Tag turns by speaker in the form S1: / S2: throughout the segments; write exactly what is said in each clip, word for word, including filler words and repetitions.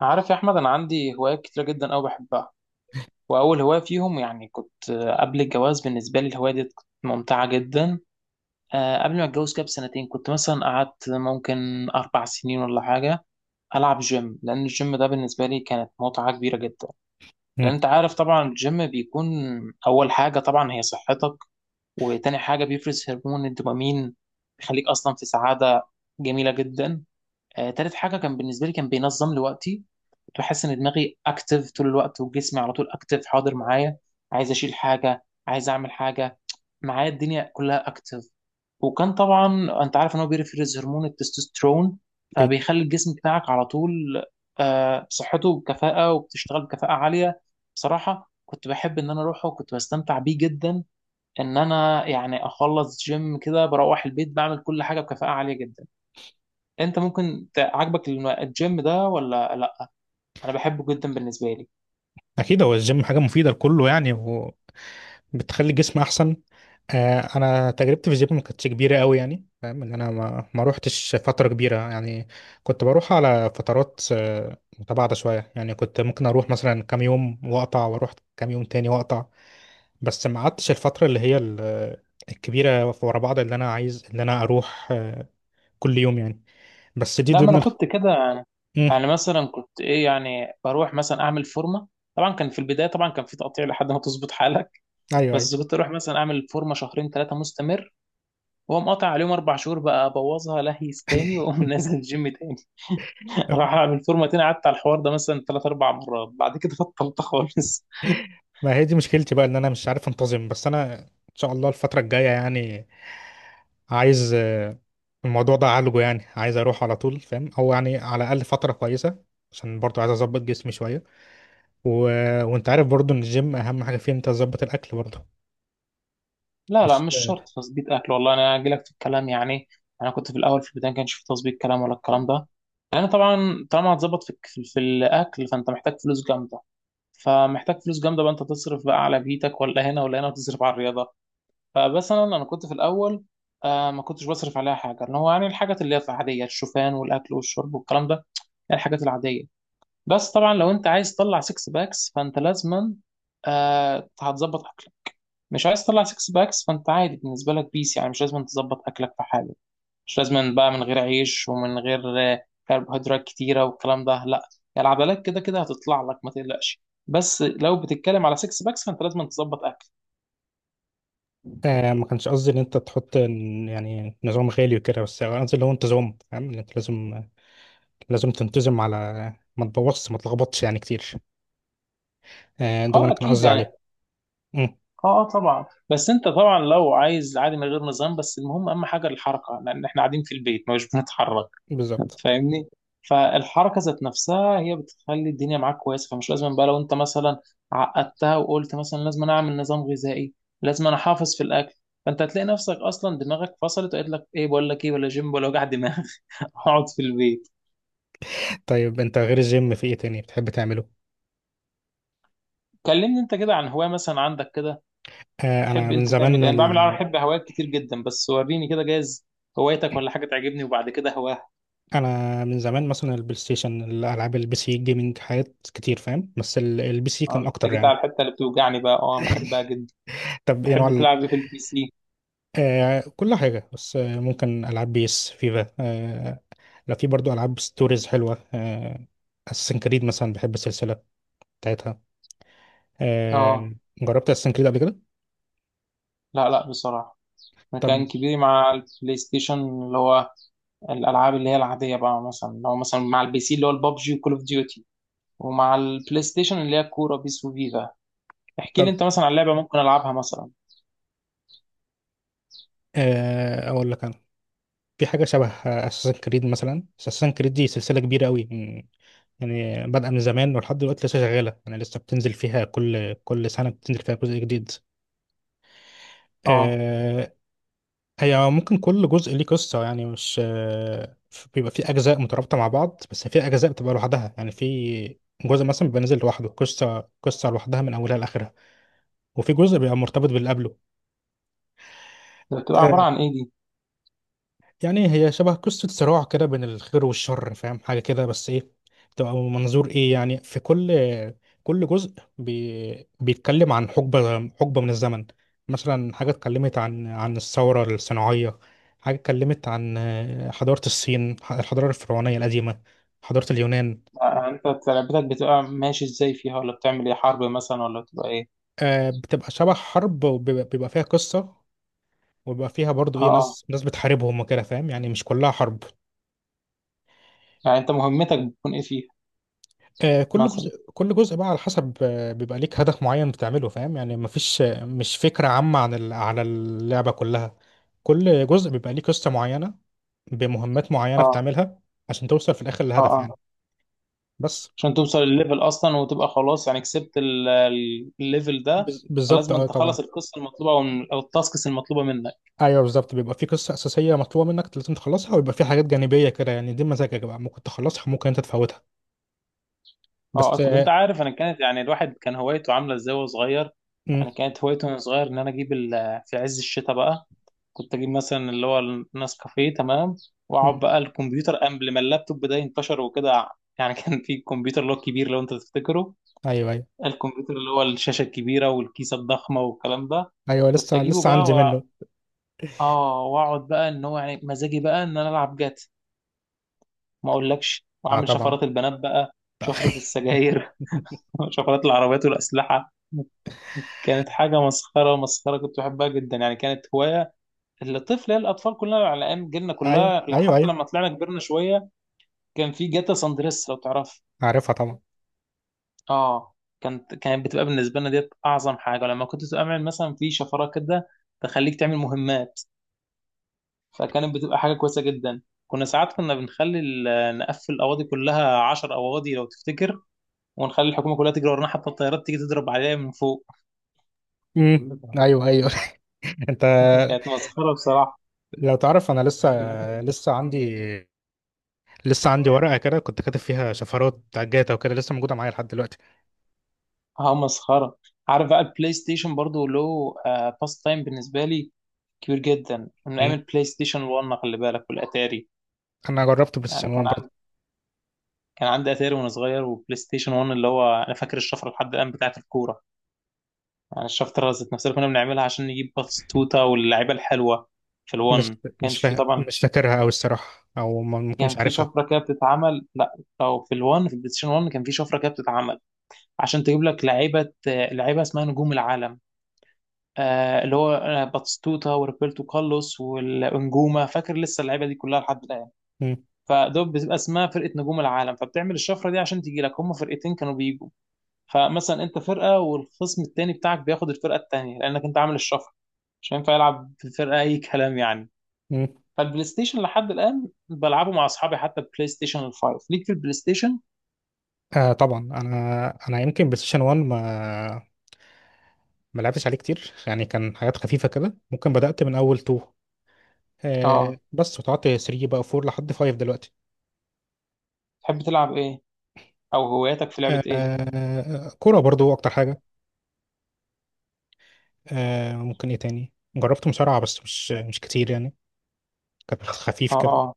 S1: عارف يا احمد، انا عندي هوايات كتيره جدا قوي بحبها. واول هوايه فيهم يعني كنت آه، قبل الجواز بالنسبه لي الهوايه دي كانت ممتعه جدا. آه، قبل ما اتجوز كده بسنتين كنت مثلا قعدت ممكن اربع سنين ولا حاجه العب جيم، لان الجيم ده بالنسبه لي كانت متعه كبيره جدا. لان
S2: مم.
S1: انت عارف طبعا الجيم بيكون اول حاجه طبعا هي صحتك، وتاني حاجه بيفرز هرمون الدوبامين بيخليك اصلا في سعاده جميله جدا. آه، تالت حاجة كان بالنسبة لي كان بينظم لي وقتي. كنت بحس إن دماغي أكتف طول الوقت وجسمي على طول أكتف حاضر معايا، عايز أشيل حاجة، عايز أعمل حاجة، معايا الدنيا كلها أكتف. وكان طبعا أنت عارف إن هو بيفرز هرمون التستوستيرون،
S2: اكيد
S1: فبيخلي الجسم بتاعك على طول آه، صحته بكفاءة وبتشتغل بكفاءة عالية. بصراحة كنت بحب إن أنا أروحه وكنت بستمتع بيه جدا، إن أنا يعني أخلص جيم كده بروح البيت بعمل كل حاجة بكفاءة عالية جدا. انت ممكن ت- عاجبك الم- الجيم ده ولا لا؟ انا بحبه جدا بالنسبه لي.
S2: اكيد هو الجيم حاجه مفيده لكله يعني، وبتخلي الجسم احسن. آه انا تجربتي في الجيم ما كانتش كبيره قوي، يعني فاهم ان انا ما ما روحتش فتره كبيره يعني. كنت بروح على فترات آه، متباعده شويه، يعني كنت ممكن اروح مثلا كام يوم واقطع، واروح كام يوم تاني واقطع. بس ما قعدتش الفتره اللي هي ال- آه، الكبيره ورا بعض، اللي انا عايز اللي انا اروح آه، كل يوم يعني. بس دي
S1: لا، ما
S2: ضمن
S1: انا
S2: الخ...
S1: كنت كده يعني.
S2: مم.
S1: يعني مثلا كنت ايه، يعني بروح مثلا اعمل فورمه. طبعا كان في البدايه، طبعا كان في تقطيع لحد ما تظبط حالك،
S2: ايوه ايوه،
S1: بس كنت اروح مثلا اعمل فورمه شهرين ثلاثه مستمر، واقوم قاطع عليهم اربع شهور بقى ابوظها لهيس تاني، واقوم نازل الجيم تاني. اروح اعمل فورمه تاني. قعدت على الحوار ده مثلا ثلاث اربع مرات، بعد كده بطلت خالص.
S2: ما هي دي مشكلتي بقى ان انا مش عارف انتظم، بس انا ان شاء الله الفترة الجاية يعني عايز آه، الموضوع ده اعالجه، يعني عايز اروح على طول فاهم، او يعني على الاقل فترة كويسة عشان برضو عايز اظبط جسمي شوية. و... وانت عارف برضو ان الجيم اهم حاجة فيه انت تظبط الاكل برضو.
S1: لا لا،
S2: مش.
S1: مش شرط تظبيط اكل، والله انا اجي لك في الكلام يعني. انا كنت في الاول، في البدايه ما كانش في تظبيط كلام ولا الكلام ده، لان طبعا طالما هتظبط في الك- في الاكل فانت محتاج فلوس جامده. فمحتاج فلوس جامده بقى، انت تصرف بقى على بيتك ولا هنا ولا هنا وتصرف على الرياضه. فمثلا انا انا كنت في الاول، آه ما كنتش بصرف عليها حاجه، ان هو يعني الحاجات اللي هي العاديه، الشوفان والاكل والشرب والكلام ده، يعني الحاجات العاديه. بس طبعا لو انت عايز تطلع سكس باكس فانت لازما آه هتظبط. مش عايز تطلع سكس باكس فانت عادي، بالنسبه لك بيس، يعني مش لازم تظبط اكلك في حاله. مش لازم بقى من غير عيش ومن غير آه، كربوهيدرات كتيره والكلام ده، لا، يعني العضلات كده كده هتطلع لك ما تقلقش. بس لو بتتكلم على سكس باكس فانت لازم تظبط اكل.
S2: آه ما كانش قصدي ان انت تحط ن- يعني نظام غالي وكده، بس قصدي اللي هو انتظام، فاهم ان انت لازم لازم تنتظم على ما تبوظش ما تلخبطش يعني كتير. آه ده اللي
S1: اه
S2: انا كان
S1: اكيد
S2: قصدي
S1: يعني.
S2: عليه. مم،
S1: اه اه طبعا، بس انت طبعا لو عايز عادي من غير نظام، بس المهم اهم حاجه الحركه، لان احنا قاعدين في البيت مش بنتحرك.
S2: بالظبط.
S1: فاهمني؟ فالحركه ذات نفسها هي بتخلي الدنيا معاك كويسه، فمش لازم بقى. لو انت مثلا عقدتها وقلت مثلا لازم أنا اعمل نظام غذائي، لازم انا احافظ في الاكل، فانت هتلاقي نفسك اصلا دماغك فصلت وقالت لك ايه، بقول لك ايه، ولا جيم ولا وجع دماغ اقعد في البيت.
S2: طيب انت غير الجيم في ايه تاني بتحب تعمله؟
S1: كلمني انت كده عن هوايه مثلا عندك كده.
S2: آه
S1: تحب
S2: انا من
S1: انت تعمل
S2: زمان
S1: ايه؟ انا بعمل، انا
S2: ال...
S1: بحب هوايات كتير جدا، بس وريني كده جايز هوايتك ولا حاجه تعجبني وبعد كده هواها.
S2: انا من زمان مثلا البلاي ستيشن، الالعاب، البي سي جيمنج، حاجات كتير فاهم، بس ال- البي سي
S1: اه،
S2: كان اكتر
S1: انت جيت
S2: يعني.
S1: على الحته اللي بتوجعني بقى، اه بحبها جدا.
S2: طب ايه نوع
S1: تحب
S2: ال...
S1: تلعب إيه في البي سي؟
S2: آه كل حاجه، بس آه ممكن العاب بيس، فيفا، آه لا، في برضو العاب ستوريز حلوه، آه اساسن كريد مثلا، بحب السلسله بتاعتها.
S1: اه،
S2: آه جربت اساسن كريد قبل كده؟
S1: لا لا بصراحه،
S2: طب
S1: مكان كبير مع البلاي ستيشن، اللي هو الالعاب اللي هي العاديه بقى، مثلا اللي هو مثلا مع البي سي اللي هو البابجي وكول اوف ديوتي، ومع البلاي ستيشن اللي هي الكوره بيس وفيفا. احكي
S2: طب
S1: لي انت مثلا عن لعبه ممكن العبها مثلا.
S2: آه اقول لك انا. في حاجه شبه اساسن كريد، مثلا اساسن كريد دي سلسله كبيره قوي يعني، بادئه من زمان ولحد دلوقتي لسه شغاله، يعني لسه بتنزل فيها كل كل سنه بتنزل فيها جزء جديد.
S1: اه،
S2: آه، هي ممكن كل جزء ليه قصه يعني، مش آه، بيبقى في اجزاء مترابطه مع بعض، بس في اجزاء بتبقى لوحدها يعني. في جزء مثلا بيبقى نازل لوحده، قصه قصه لوحدها من اولها لاخرها، وفي جزء بيبقى مرتبط باللي قبله.
S1: ده بتبقى عباره
S2: آه،
S1: عن ايه دي؟
S2: يعني هي شبه قصة صراع كده بين الخير والشر، فاهم حاجة كده، بس ايه بتبقى منظور ايه يعني. في كل كل جزء بي... بيتكلم عن حقبة حقبة من الزمن. مثلا حاجة اتكلمت عن عن الثورة الصناعية، حاجة اتكلمت عن آه، حضارة الصين، الحضارة الفرعونية القديمة، حضارة اليونان.
S1: آه، يعني انت لعبتك بتبقى ماشي ازاي فيها، ولا بتعمل ايه، حرب مثلا ولا بتبقى ايه؟
S2: آه، بتبقى شبه حرب، وبيبقى بيبقى فيها قصة، وبيبقى فيها برضو
S1: اه
S2: ايه
S1: اه.
S2: ناس ناس بتحاربهم وكده، فاهم يعني مش كلها حرب.
S1: يعني انت مهمتك بتكون ايه فيها؟
S2: آه، كل
S1: مثلا.
S2: جزء كل جزء بقى على حسب، آه، بيبقى ليك هدف معين بتعمله، فاهم يعني. مفيش آه، مش فكرة عامة عن ال- على اللعبة كلها. كل جزء بيبقى ليه قصة معينة بمهمات معينة
S1: اه
S2: بتعملها عشان توصل في الآخر
S1: اه
S2: للهدف
S1: اه.
S2: يعني. بس.
S1: عشان توصل الليفل اصلا وتبقى خلاص يعني كسبت ال- ال- الليفل ده،
S2: بز- بالظبط،
S1: فلازم
S2: اه
S1: انت
S2: طبعا.
S1: تخلص القصه المطلوبه او أو التاسكس المطلوبه منك.
S2: ايوه بالظبط، بيبقى في قصة أساسية مطلوبة منك لازم تخلصها، ويبقى في حاجات جانبية كده، يعني دي مزاجك بقى ممكن تخلصها ممكن انت تفوتها.
S1: اه،
S2: بس
S1: طب انت
S2: آه،
S1: عارف انا كانت يعني الواحد كان هوايته عامله ازاي وهو صغير؟
S2: مم،
S1: يعني كانت هوايته وانا صغير ان انا اجيب ال- في عز الشتاء بقى كنت اجيب مثلا اللي هو النسكافيه، تمام؟ واقعد
S2: مم.
S1: بقى الكمبيوتر قبل ما اللابتوب ده ينتشر وكده، يعني كان في الكمبيوتر اللي هو الكبير لو انت تفتكره.
S2: ايوه ايوه
S1: الكمبيوتر اللي هو الشاشه الكبيره والكيسه الضخمه والكلام ده،
S2: ايوه،
S1: كنت
S2: لسه
S1: اجيبه
S2: لسه
S1: بقى
S2: عندي
S1: و...
S2: منه.
S1: اه واقعد بقى ان هو يعني مزاجي بقى ان انا العب جات، ما اقولكش،
S2: اه
S1: واعمل
S2: طبعا.
S1: شفرات البنات بقى، شفره السجاير، شفرات العربيات والاسلحه. كانت حاجة مسخرة مسخرة، كنت بحبها جدا. يعني كانت هواية الطفل الأطفال كلها على أيام جيلنا
S2: ايوه
S1: كلها، لا،
S2: ايوه
S1: حتى
S2: ايوه،
S1: لما طلعنا كبرنا شوية كان في جاتا ساندريس لو تعرف.
S2: عارفها طبعا.
S1: اه، كانت كانت بتبقى بالنسبة لنا ديت أعظم حاجة، لما كنت تعمل مثلا في شفرات كده تخليك تعمل مهمات، فكانت بتبقى حاجة كويسة جدا. كنا ساعات كنا بنخلي ال- نقفل الأواضي كلها عشر أواضي لو تفتكر، ونخلي الحكومة كلها تجري ورانا، حتى الطيارات تيجي تضرب عليها من فوق.
S2: امم ايوه ايوه. انت
S1: كانت مسخرة بصراحة.
S2: لو تعرف انا لسه لسه عندي لسه عندي ورقه كده كنت كاتب فيها شفرات بتاع جاتا وكده، لسه موجوده معايا لحد دلوقتي.
S1: اه مسخره. عارف بقى البلاي ستيشن برضو له آه باس تايم بالنسبه لي كبير جدا، من ايام
S2: امم
S1: البلاي ستيشن واحد خلي بالك والاتاري.
S2: انا جربت بلاي
S1: يعني
S2: ستيشن
S1: كان
S2: واحد برضه.
S1: عندي كان عندي اتاري وانا صغير، وبلاي ستيشن واحد اللي هو انا فاكر الشفره لحد الان بتاعت الكوره. يعني الشفره ذات نفسها اللي كنا بنعملها عشان نجيب باتستوتا واللعيبه الحلوه. في الون
S2: مش
S1: ما
S2: مش
S1: كانش في
S2: فا...
S1: طبعا،
S2: مش فاكرها او الصراحه، او ما ممكن
S1: كان
S2: مش
S1: في
S2: عارفها.
S1: شفره كده بتتعمل، لا، او في الون في البلاي ستيشن واحد كان في شفره كده بتتعمل عشان تجيب لك لعيبه، آه، لعيبه اسمها نجوم العالم، آه، اللي هو آه، باتستوتا وروبرتو كارلوس والانجوما، فاكر لسه اللعيبه دي كلها لحد الان.
S2: امم
S1: فدول بتبقى اسمها فرقه نجوم العالم، فبتعمل الشفره دي عشان تيجي لك، هم فرقتين كانوا بيجوا، فمثلا انت فرقه والخصم التاني بتاعك بياخد الفرقه التانيه، لانك انت عامل الشفره مش هينفع يلعب في فرقه اي كلام يعني.
S2: امم
S1: فالبلاي ستيشن لحد الان بلعبه مع اصحابي، حتى بلاي ستيشن الفايف ليك في البلاي ستيشن.
S2: آه طبعا انا انا يمكن بلاي ستيشن واحد ما ما لعبتش عليه كتير يعني، كان حاجات خفيفه كده، ممكن بدات من اول تنين، آه
S1: اه،
S2: بس وقعدت تلاته بقى اربعه لحد خمسة دلوقتي.
S1: تحب تلعب ايه؟ او هواياتك في لعبه ايه؟
S2: آه كوره برضو اكتر حاجه. آه ممكن ايه تاني؟ جربت مصارعة بس مش مش كتير يعني، كانت خفيف كده.
S1: اه،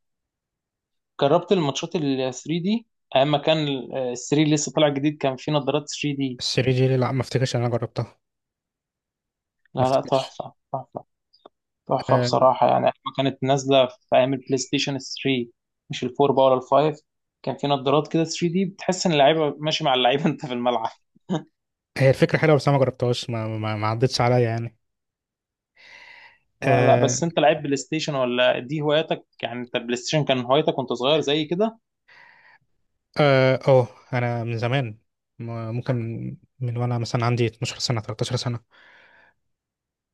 S1: جربت الماتشات ال تلاته دي، ايام ما كان ال تلاته لسه طالع جديد كان في نظارات تري دي.
S2: السري جيلي؟ لا، ما افتكرش ان انا جربتها، ما
S1: لا لا،
S2: افتكرش.
S1: تحفه تحفه. تحفه
S2: آه
S1: بصراحه، يعني ايام ما كانت نازله في ايام البلاي ستيشن تلاته، مش الفور بقى ولا الفايف، كان في نظارات كده تري دي بتحس ان اللعيبه ماشي مع اللعيبه انت في الملعب.
S2: هي الفكرة حلوة، بس انا ما جربتهاش، ما, ما, ما عدتش عليا يعني.
S1: لا لا،
S2: اه
S1: بس انت لعيب بلاي ستيشن ولا دي هواياتك؟ يعني انت بلاي ستيشن كان هوايتك وانت صغير زي كده؟
S2: اه، أوه، انا من زمان، م- ممكن من من وانا مثلا عندي 12 سنة 13 سنة،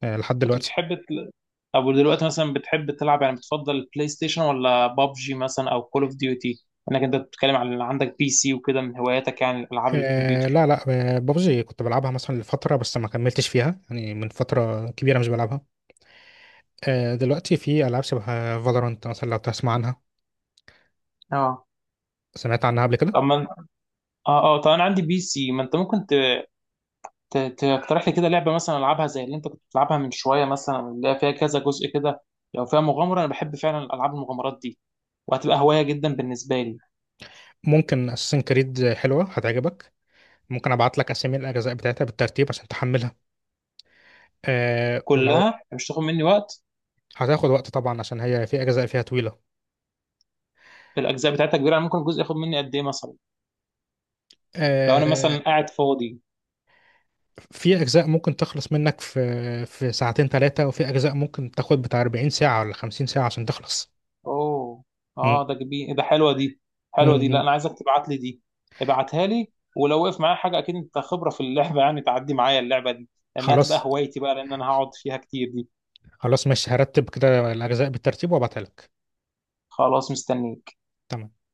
S2: آه لحد
S1: كنت
S2: دلوقتي.
S1: بتحب تل... او دلوقتي مثلا بتحب تلعب، يعني بتفضل بلاي ستيشن ولا بابجي مثلا او كول اوف ديوتي؟ انك انت بتتكلم عن اللي عندك بي سي وكده من هواياتك، يعني العاب
S2: آه
S1: الكمبيوتر.
S2: لا لا. آه، بابجي كنت بلعبها مثلا لفترة، بس ما كملتش فيها يعني، من فترة كبيرة مش بلعبها. آه دلوقتي في ألعاب شبه فالورانت مثلا، لو تسمع عنها.
S1: اه
S2: سمعت عنها قبل كده.
S1: طب ما اه اه، طب انا عندي بي سي، ما انت ممكن ت... ت... تقترح لي كده لعبه مثلا العبها زي اللي انت كنت بتلعبها من شويه، مثلا اللي هي فيها كذا جزء كده، لو فيها مغامره انا بحب فعلا العاب المغامرات دي، وهتبقى هوايه جدا بالنسبه لي.
S2: ممكن اساسن كريد حلوه هتعجبك. ممكن ابعت لك اسامي الاجزاء بتاعتها بالترتيب عشان تحملها. أه ولو
S1: كلها مش تاخد مني وقت؟
S2: هتاخد وقت طبعا، عشان هي في اجزاء فيها طويله.
S1: الاجزاء بتاعتها كبيره، يعني ممكن الجزء ياخد مني قد ايه مثلا لو انا
S2: أه
S1: مثلا قاعد فاضي؟
S2: في اجزاء ممكن تخلص منك في في ساعتين ثلاثه، وفي اجزاء ممكن تاخد بتاع 40 ساعه ولا 50 ساعه عشان تخلص.
S1: اوه،
S2: م-
S1: اه ده جميل، إيه ده، حلوه دي،
S2: م-
S1: حلوه دي، لا
S2: م.
S1: انا عايزك تبعت لي دي. ابعتها لي، ولو وقف معايا حاجه اكيد انت خبره في اللعبه، يعني تعدي معايا اللعبه دي، لانها تبقى
S2: خلاص،
S1: هوايتي بقى لان انا هقعد فيها كتير دي.
S2: خلاص مش هرتب كده الاجزاء بالترتيب وابعتها لك.
S1: خلاص، مستنيك.
S2: تمام.